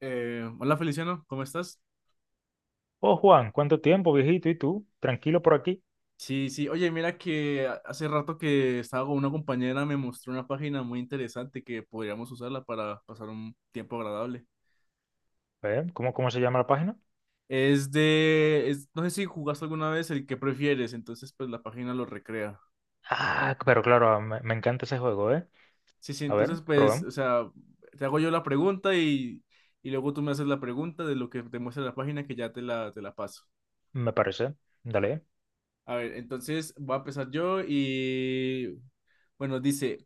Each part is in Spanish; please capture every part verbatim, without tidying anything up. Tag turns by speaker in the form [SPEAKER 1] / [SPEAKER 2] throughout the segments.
[SPEAKER 1] Eh, hola Feliciano, ¿cómo estás?
[SPEAKER 2] Oh, Juan, ¿cuánto tiempo, viejito? ¿Y tú? Tranquilo por aquí.
[SPEAKER 1] Sí, sí, oye, mira que a- hace rato que estaba con una compañera, me mostró una página muy interesante que podríamos usarla para pasar un tiempo agradable.
[SPEAKER 2] ¿Eh? ¿Cómo, cómo se llama la página?
[SPEAKER 1] Es de, es- no sé si jugaste alguna vez el que prefieres, entonces pues la página lo recrea.
[SPEAKER 2] Ah, pero claro, ah, me, me encanta ese juego, ¿eh?
[SPEAKER 1] Sí, sí,
[SPEAKER 2] A ver,
[SPEAKER 1] entonces pues,
[SPEAKER 2] probemos.
[SPEAKER 1] o sea, te hago yo la pregunta y, y luego tú me haces la pregunta de lo que te muestra la página que ya te la, te la paso.
[SPEAKER 2] Me parece. Dale.
[SPEAKER 1] A ver, entonces voy a empezar yo y bueno, dice...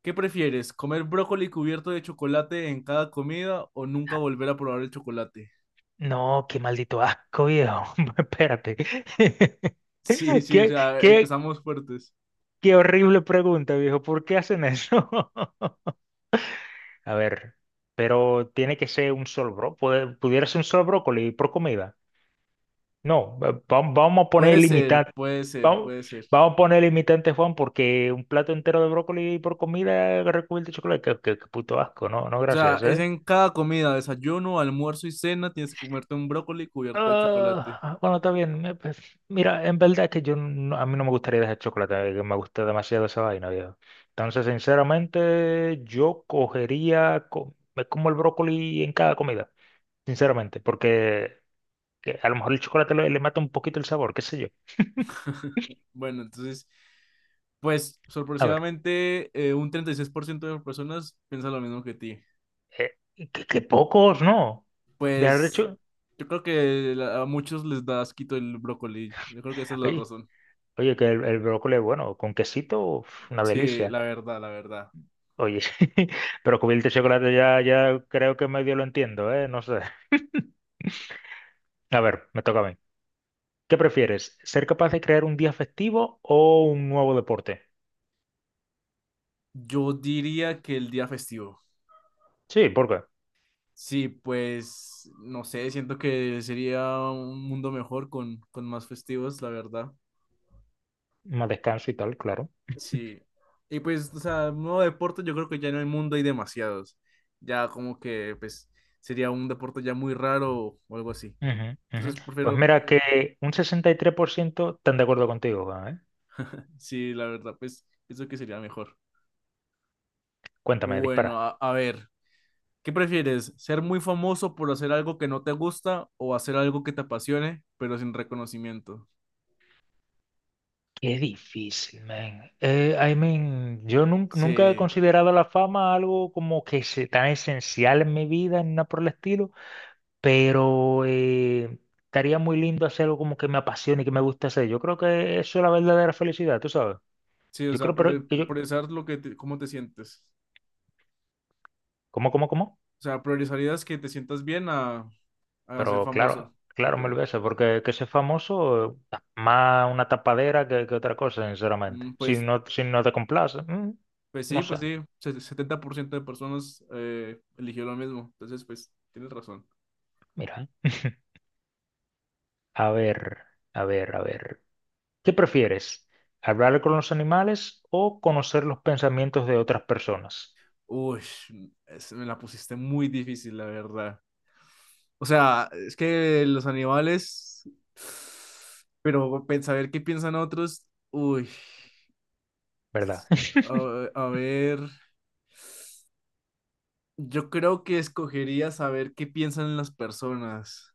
[SPEAKER 1] ¿Qué prefieres? ¿Comer brócoli cubierto de chocolate en cada comida o nunca volver a probar el chocolate?
[SPEAKER 2] No, qué maldito asco, viejo. Espérate.
[SPEAKER 1] Sí, sí, o
[SPEAKER 2] Qué,
[SPEAKER 1] sea,
[SPEAKER 2] qué,
[SPEAKER 1] empezamos fuertes.
[SPEAKER 2] qué horrible pregunta, viejo. ¿Por qué hacen eso? A ver, pero tiene que ser un solo bro. Puede- pudiera ser un solo brócoli por comida. No, va- va- vamos a poner
[SPEAKER 1] Puede ser,
[SPEAKER 2] limitantes.
[SPEAKER 1] puede ser,
[SPEAKER 2] Vamos,
[SPEAKER 1] puede ser.
[SPEAKER 2] vamos a poner limitantes, Juan, porque un plato entero de brócoli por comida recubierto de chocolate, qué, qué- qué puto asco, no, no,
[SPEAKER 1] O sea,
[SPEAKER 2] gracias,
[SPEAKER 1] es
[SPEAKER 2] ¿eh?
[SPEAKER 1] en cada comida, desayuno, almuerzo y cena, tienes que comerte un brócoli cubierto de chocolate.
[SPEAKER 2] Ah, bueno, está bien. Me- pues, mira, en verdad es que yo no- a mí no me gustaría dejar chocolate, eh, que me gusta demasiado esa vaina, viejo. Entonces, sinceramente, yo cogería, co- me como el brócoli en cada comida, sinceramente, porque que a lo mejor el chocolate le, le mata un poquito el sabor, qué sé yo.
[SPEAKER 1] Bueno, entonces, pues
[SPEAKER 2] A ver.
[SPEAKER 1] sorpresivamente eh, un treinta y seis por ciento de las personas piensa lo mismo que ti.
[SPEAKER 2] Eh, qué, qué pocos, ¿no? De haber
[SPEAKER 1] Pues
[SPEAKER 2] hecho.
[SPEAKER 1] yo creo que la- a muchos les da asquito el brócoli. Yo creo que esa es la
[SPEAKER 2] Oye,
[SPEAKER 1] razón.
[SPEAKER 2] oye, que el, el brócoli es bueno, con quesito, uf, una
[SPEAKER 1] Sí,
[SPEAKER 2] delicia.
[SPEAKER 1] la verdad, la verdad.
[SPEAKER 2] Oye, pero cubierto de chocolate ya, ya creo que medio lo entiendo, ¿eh? No sé. A ver, me toca a mí. ¿Qué prefieres? ¿Ser capaz de crear un día festivo o un nuevo deporte?
[SPEAKER 1] Yo diría que el día festivo.
[SPEAKER 2] Sí, ¿por qué?
[SPEAKER 1] Sí, pues no sé, siento que sería un mundo mejor con, con más festivos, la verdad.
[SPEAKER 2] Más descanso y tal, claro.
[SPEAKER 1] Sí. Y pues, o sea, nuevo deporte, yo creo que ya en el mundo hay demasiados. Ya como que, pues, sería un deporte ya muy raro o algo así.
[SPEAKER 2] Ujú, ujú.
[SPEAKER 1] Entonces,
[SPEAKER 2] Pues
[SPEAKER 1] prefiero,
[SPEAKER 2] mira que un sesenta y tres por ciento están de acuerdo contigo, ¿eh?
[SPEAKER 1] sí, la verdad, pues, pienso que sería mejor.
[SPEAKER 2] Cuéntame,
[SPEAKER 1] Bueno,
[SPEAKER 2] dispara.
[SPEAKER 1] a, a ver, ¿qué prefieres? ¿Ser muy famoso por hacer algo que no te gusta o hacer algo que te apasione, pero sin reconocimiento?
[SPEAKER 2] Qué difícil, man. Eh, I mean, yo nun- nunca he
[SPEAKER 1] Sí.
[SPEAKER 2] considerado la fama algo como que se, tan esencial en mi vida, ni nada por el estilo, pero eh, estaría muy lindo hacer algo como que me apasione y que me guste hacer. Yo creo que eso es la verdadera felicidad, tú sabes.
[SPEAKER 1] Sí, o
[SPEAKER 2] Yo
[SPEAKER 1] sea,
[SPEAKER 2] creo pero,
[SPEAKER 1] priori-
[SPEAKER 2] que yo...
[SPEAKER 1] priorizar lo que te- cómo te sientes.
[SPEAKER 2] ¿Cómo, cómo, cómo?
[SPEAKER 1] O sea, priorizarías que te sientas bien a, a ser
[SPEAKER 2] Pero claro,
[SPEAKER 1] famoso.
[SPEAKER 2] claro,
[SPEAKER 1] Ok.
[SPEAKER 2] me lo voy a hacer, porque que ser famoso eh, más una tapadera que, que otra cosa, sinceramente.
[SPEAKER 1] Mm,
[SPEAKER 2] Si
[SPEAKER 1] pues,
[SPEAKER 2] no, si no te complace, mm,
[SPEAKER 1] pues
[SPEAKER 2] no
[SPEAKER 1] sí, pues
[SPEAKER 2] sé.
[SPEAKER 1] sí. Se- setenta por ciento de personas eh, eligió lo mismo. Entonces, pues, tienes razón.
[SPEAKER 2] Mira, a ver, a ver, a ver. ¿Qué prefieres? ¿Hablar con los animales o conocer los pensamientos de otras personas?
[SPEAKER 1] Uy, es- me la pusiste muy difícil, la verdad. O sea, es que los animales, pero pen- saber qué piensan otros, uy,
[SPEAKER 2] ¿Verdad?
[SPEAKER 1] a a ver, yo creo que escogería saber qué piensan las personas.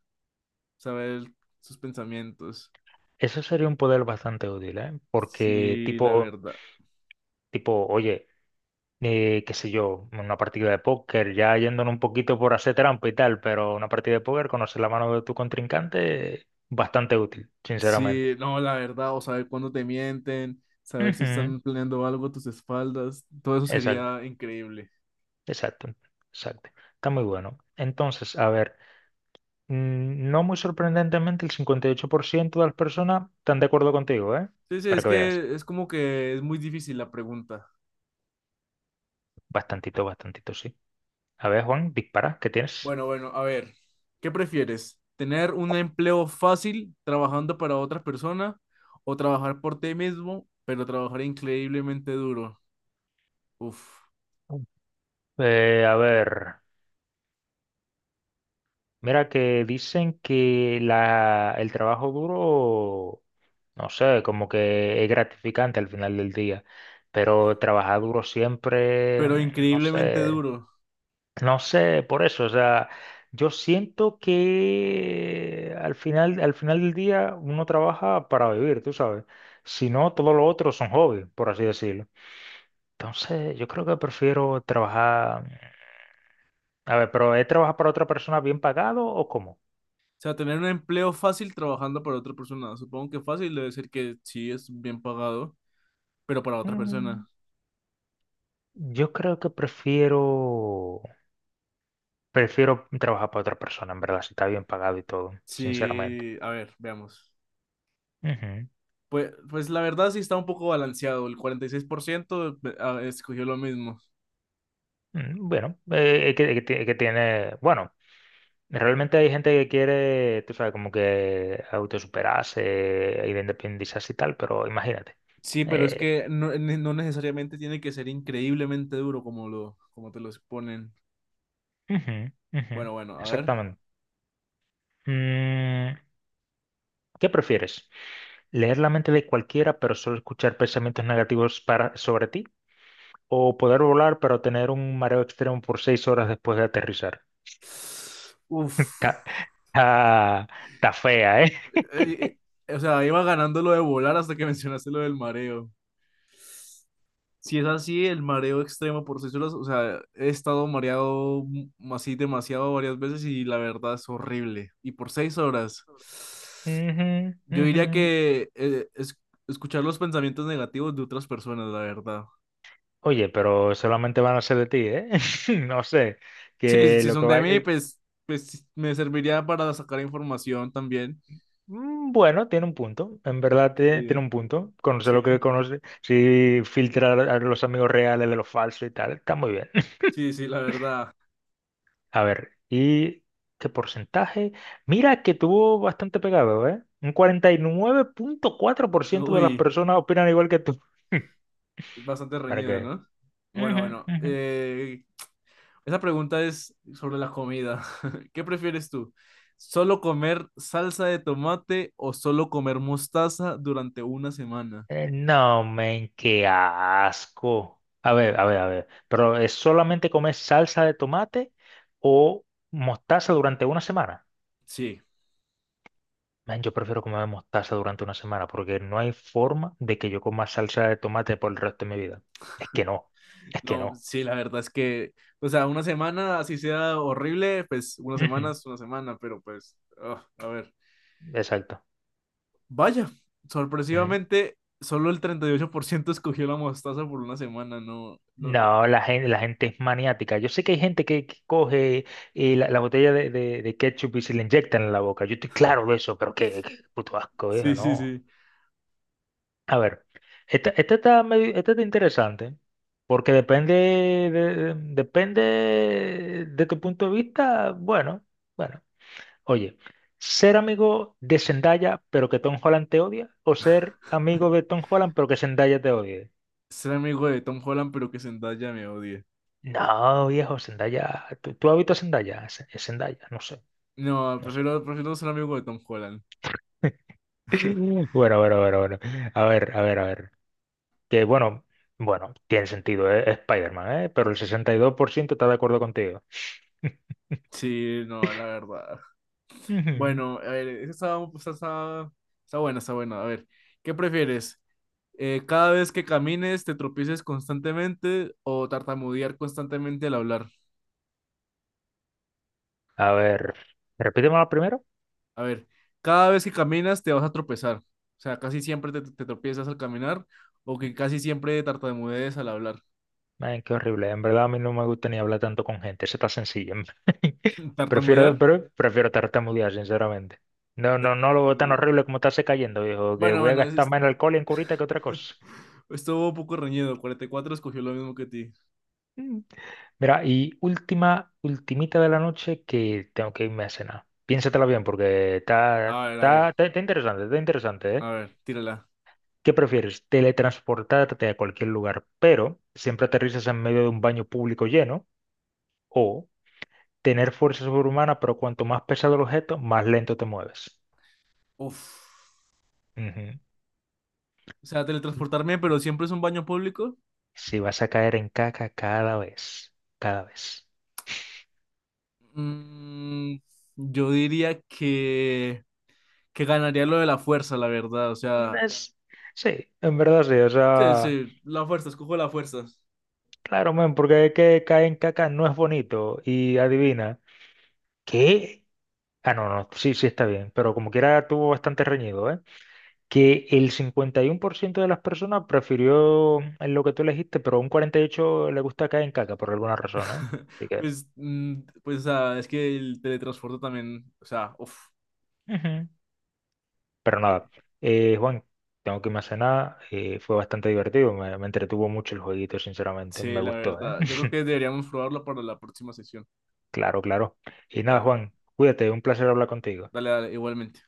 [SPEAKER 1] Saber sus pensamientos.
[SPEAKER 2] Eso sería un poder bastante útil, ¿eh? Porque
[SPEAKER 1] Sí, la
[SPEAKER 2] tipo,
[SPEAKER 1] verdad.
[SPEAKER 2] tipo, oye, eh, qué sé yo, una partida de póker, ya yéndonos un poquito por hacer trampa y tal, pero una partida de póker, conocer la mano de tu contrincante, bastante útil, sinceramente.
[SPEAKER 1] Sí, no, la verdad, o saber cuándo te mienten, saber si
[SPEAKER 2] Ujú,
[SPEAKER 1] están planeando algo a tus espaldas, todo eso
[SPEAKER 2] exacto,
[SPEAKER 1] sería increíble.
[SPEAKER 2] exacto, exacto. Está muy bueno. Entonces, a ver. Mm, No muy sorprendentemente, el cincuenta y ocho por ciento de las personas están de acuerdo contigo, ¿eh?
[SPEAKER 1] Sí, sí,
[SPEAKER 2] Para
[SPEAKER 1] es
[SPEAKER 2] que veas.
[SPEAKER 1] que es como que es muy difícil la pregunta.
[SPEAKER 2] Bastantito, bastantito, sí. A ver, Juan, dispara, ¿qué tienes?
[SPEAKER 1] Bueno, bueno, a ver, ¿qué prefieres? ¿Tener un empleo fácil trabajando para otra persona o trabajar por ti mismo, pero trabajar increíblemente duro? Uf,
[SPEAKER 2] Eh, a ver, mira que dicen que la, el trabajo duro, no sé, como que es gratificante al final del día, pero trabajar duro siempre,
[SPEAKER 1] pero
[SPEAKER 2] mm, no
[SPEAKER 1] increíblemente
[SPEAKER 2] sé,
[SPEAKER 1] duro.
[SPEAKER 2] No sé, por eso, o sea, yo siento que al final, al final del día uno trabaja para vivir, tú sabes. Si no, todo lo otro son hobbies, por así decirlo. Entonces, yo creo que prefiero trabajar. A ver, pero ¿es trabajar para otra persona bien pagado o cómo?
[SPEAKER 1] O sea, tener un empleo fácil trabajando para otra persona. Supongo que fácil debe ser que sí es bien pagado, pero para otra
[SPEAKER 2] Mm,
[SPEAKER 1] persona.
[SPEAKER 2] Yo creo que prefiero, prefiero trabajar para otra persona, en verdad, si está bien pagado y todo, sinceramente.
[SPEAKER 1] Sí, a ver, veamos.
[SPEAKER 2] Ujú.
[SPEAKER 1] Pues, pues la verdad sí está un poco balanceado. El cuarenta y seis por ciento ve- ah, escogió lo mismo.
[SPEAKER 2] Mm, Bueno, eh, es que, es que ti- es que tiene, bueno. Realmente hay gente que quiere, tú sabes, como que autosuperarse y de independizarse y tal, pero imagínate.
[SPEAKER 1] Sí, pero es
[SPEAKER 2] Eh,
[SPEAKER 1] que no, ne- no necesariamente tiene que ser increíblemente duro como lo, como te lo exponen.
[SPEAKER 2] Ujú, ujú,
[SPEAKER 1] Bueno, bueno, a ver.
[SPEAKER 2] exactamente. Mm, ¿Qué prefieres? ¿Leer la mente de cualquiera, pero solo escuchar pensamientos negativos para, sobre ti? ¿O poder volar, pero tener un mareo extremo por seis horas después de aterrizar?
[SPEAKER 1] Uf.
[SPEAKER 2] Está, está- está fea, ¿eh?
[SPEAKER 1] Eh, eh, o sea, iba ganando lo de volar hasta que mencionaste lo del mareo. Si es así, el mareo extremo por seis horas o sea, he estado mareado m- así demasiado varias veces y la verdad es horrible. Y por seis horas,
[SPEAKER 2] Ujú,
[SPEAKER 1] yo
[SPEAKER 2] ujú.
[SPEAKER 1] diría que eh, es- escuchar los pensamientos negativos de otras personas, la verdad.
[SPEAKER 2] Oye, pero solamente van a ser de ti, ¿eh? No sé.
[SPEAKER 1] Sí,
[SPEAKER 2] Que
[SPEAKER 1] si
[SPEAKER 2] lo que
[SPEAKER 1] son de
[SPEAKER 2] va...
[SPEAKER 1] mí,
[SPEAKER 2] el-
[SPEAKER 1] pues, pues me serviría para sacar información también.
[SPEAKER 2] Mm, Bueno, tiene un punto, en verdad tie-
[SPEAKER 1] Sí,
[SPEAKER 2] tiene un punto. Conocer lo que
[SPEAKER 1] sí,
[SPEAKER 2] conoce, sí, filtrar a los amigos reales de los falsos y tal, está muy bien.
[SPEAKER 1] sí, sí, la verdad.
[SPEAKER 2] A ver, ¿y qué porcentaje? Mira que tuvo bastante pegado, ¿eh? Un cuarenta y nueve punto cuatro por ciento de las
[SPEAKER 1] Uy,
[SPEAKER 2] personas opinan igual que tú.
[SPEAKER 1] es bastante
[SPEAKER 2] ¿Para
[SPEAKER 1] reñido,
[SPEAKER 2] qué?
[SPEAKER 1] ¿no? Bueno, bueno, eh, esa pregunta es sobre la comida. ¿Qué prefieres tú? ¿Solo comer salsa de tomate o solo comer mostaza durante una semana?
[SPEAKER 2] Eh, No, men, qué asco. A ver, a ver, a ver. Pero es solamente comer salsa de tomate o mostaza durante una semana.
[SPEAKER 1] Sí,
[SPEAKER 2] Men, yo prefiero comer mostaza durante una semana porque no hay forma de que yo coma salsa de tomate por el resto de mi vida. Es que no, es que
[SPEAKER 1] no,
[SPEAKER 2] no.
[SPEAKER 1] sí, la verdad es que, o sea, una semana, así sea horrible, pues una semana
[SPEAKER 2] Ujú,
[SPEAKER 1] es una semana, pero pues, ah, a ver.
[SPEAKER 2] exacto.
[SPEAKER 1] Vaya,
[SPEAKER 2] Ujú.
[SPEAKER 1] sorpresivamente, solo el treinta y ocho por ciento escogió la mostaza por una semana, no, no,
[SPEAKER 2] No, la gente, la gente es maniática. Yo sé que hay gente que, que coge eh, la, la botella de, de- de ketchup y se le inyectan en la boca. Yo estoy claro de eso, pero qué, qué puto asco, viejo,
[SPEAKER 1] sí, sí,
[SPEAKER 2] no.
[SPEAKER 1] sí.
[SPEAKER 2] A ver, esta, esta está medio- esta está interesante porque depende de, depende de tu punto de vista. Bueno, bueno. Oye, ser amigo de Zendaya pero que Tom Holland te odia o ser amigo de Tom Holland pero que Zendaya te odie.
[SPEAKER 1] Ser amigo de Tom Holland, pero que Zendaya me odie.
[SPEAKER 2] No, viejo, Zendaya. ¿Tú, tú has visto a Zendaya? Z- Zendaya, no sé,
[SPEAKER 1] No,
[SPEAKER 2] no sé.
[SPEAKER 1] prefiero, prefiero ser amigo de Tom Holland.
[SPEAKER 2] Bueno, bueno, bueno, bueno. A ver, a ver, a ver. Que bueno, bueno, tiene sentido, ¿eh? Es Spider-Man, ¿eh? Pero el sesenta y dos por ciento está de acuerdo contigo.
[SPEAKER 1] Sí, no, la verdad.
[SPEAKER 2] Ujú.
[SPEAKER 1] Bueno, a ver, esa está, está, está, está buena, está buena. A ver, ¿qué prefieres? Eh, ¿cada vez que camines te tropieces constantemente o tartamudear constantemente al hablar?
[SPEAKER 2] A ver, repíteme la primero.
[SPEAKER 1] A ver, cada vez que caminas te vas a tropezar. O sea, casi siempre te, te tropiezas al caminar o que casi siempre tartamudees al hablar.
[SPEAKER 2] Ay, qué horrible. En verdad a mí no me gusta ni hablar tanto con gente. Eso está sencillo.
[SPEAKER 1] ¿Tartamudear?
[SPEAKER 2] Prefiero, pre- prefiero tartamudear, sinceramente. No, no, no lo veo tan
[SPEAKER 1] Eh,
[SPEAKER 2] horrible como estarse cayendo, viejo, que
[SPEAKER 1] Bueno,
[SPEAKER 2] voy a
[SPEAKER 1] bueno, es-
[SPEAKER 2] gastar
[SPEAKER 1] es-
[SPEAKER 2] más en alcohol y en curita que otra cosa.
[SPEAKER 1] estuvo un poco reñido. Cuarenta y cuatro escogió lo mismo que ti.
[SPEAKER 2] Mm. Mira, y última, ultimita de la noche que tengo que irme a cenar. Piénsatela bien porque está,
[SPEAKER 1] A ver, a ver,
[SPEAKER 2] está, está- está interesante, está interesante, ¿eh?
[SPEAKER 1] a ver, tírala.
[SPEAKER 2] ¿Qué prefieres? Teletransportarte a cualquier lugar, pero siempre aterrizas en medio de un baño público lleno, o tener fuerza sobrehumana, pero cuanto más pesado el objeto, más lento te mueves.
[SPEAKER 1] Uf.
[SPEAKER 2] Ujú.
[SPEAKER 1] O sea, teletransportarme, pero siempre es un baño público.
[SPEAKER 2] Si vas a caer en caca cada vez, cada vez.
[SPEAKER 1] Mm, yo diría que, que ganaría lo de la fuerza, la verdad. O sea,
[SPEAKER 2] Es- sí, en verdad sí, o
[SPEAKER 1] sí,
[SPEAKER 2] sea,
[SPEAKER 1] sí, la fuerza, escojo la fuerza.
[SPEAKER 2] claro, men, porque es que caer en caca no es bonito y adivina, ¿qué? Ah, no, no, sí, sí está bien, pero como quiera tuvo bastante reñido, ¿eh? Que el cincuenta y uno por ciento de las personas prefirió lo que tú elegiste, pero un cuarenta y ocho por ciento le gusta caer en caca por alguna razón, ¿eh? Así que...
[SPEAKER 1] Pues, mm, pues, o sea, es que el teletransporte también, o sea, uff,
[SPEAKER 2] Ujú. Pero nada, eh, Juan, tengo que irme a cenar. Eh, fue bastante divertido, me, me entretuvo mucho el jueguito, sinceramente,
[SPEAKER 1] sí,
[SPEAKER 2] me
[SPEAKER 1] la
[SPEAKER 2] gustó, ¿eh?
[SPEAKER 1] verdad. Yo creo que deberíamos probarlo para la próxima sesión.
[SPEAKER 2] Claro, claro. Y nada,
[SPEAKER 1] Dale,
[SPEAKER 2] Juan, cuídate, un placer hablar contigo.
[SPEAKER 1] dale, dale, igualmente.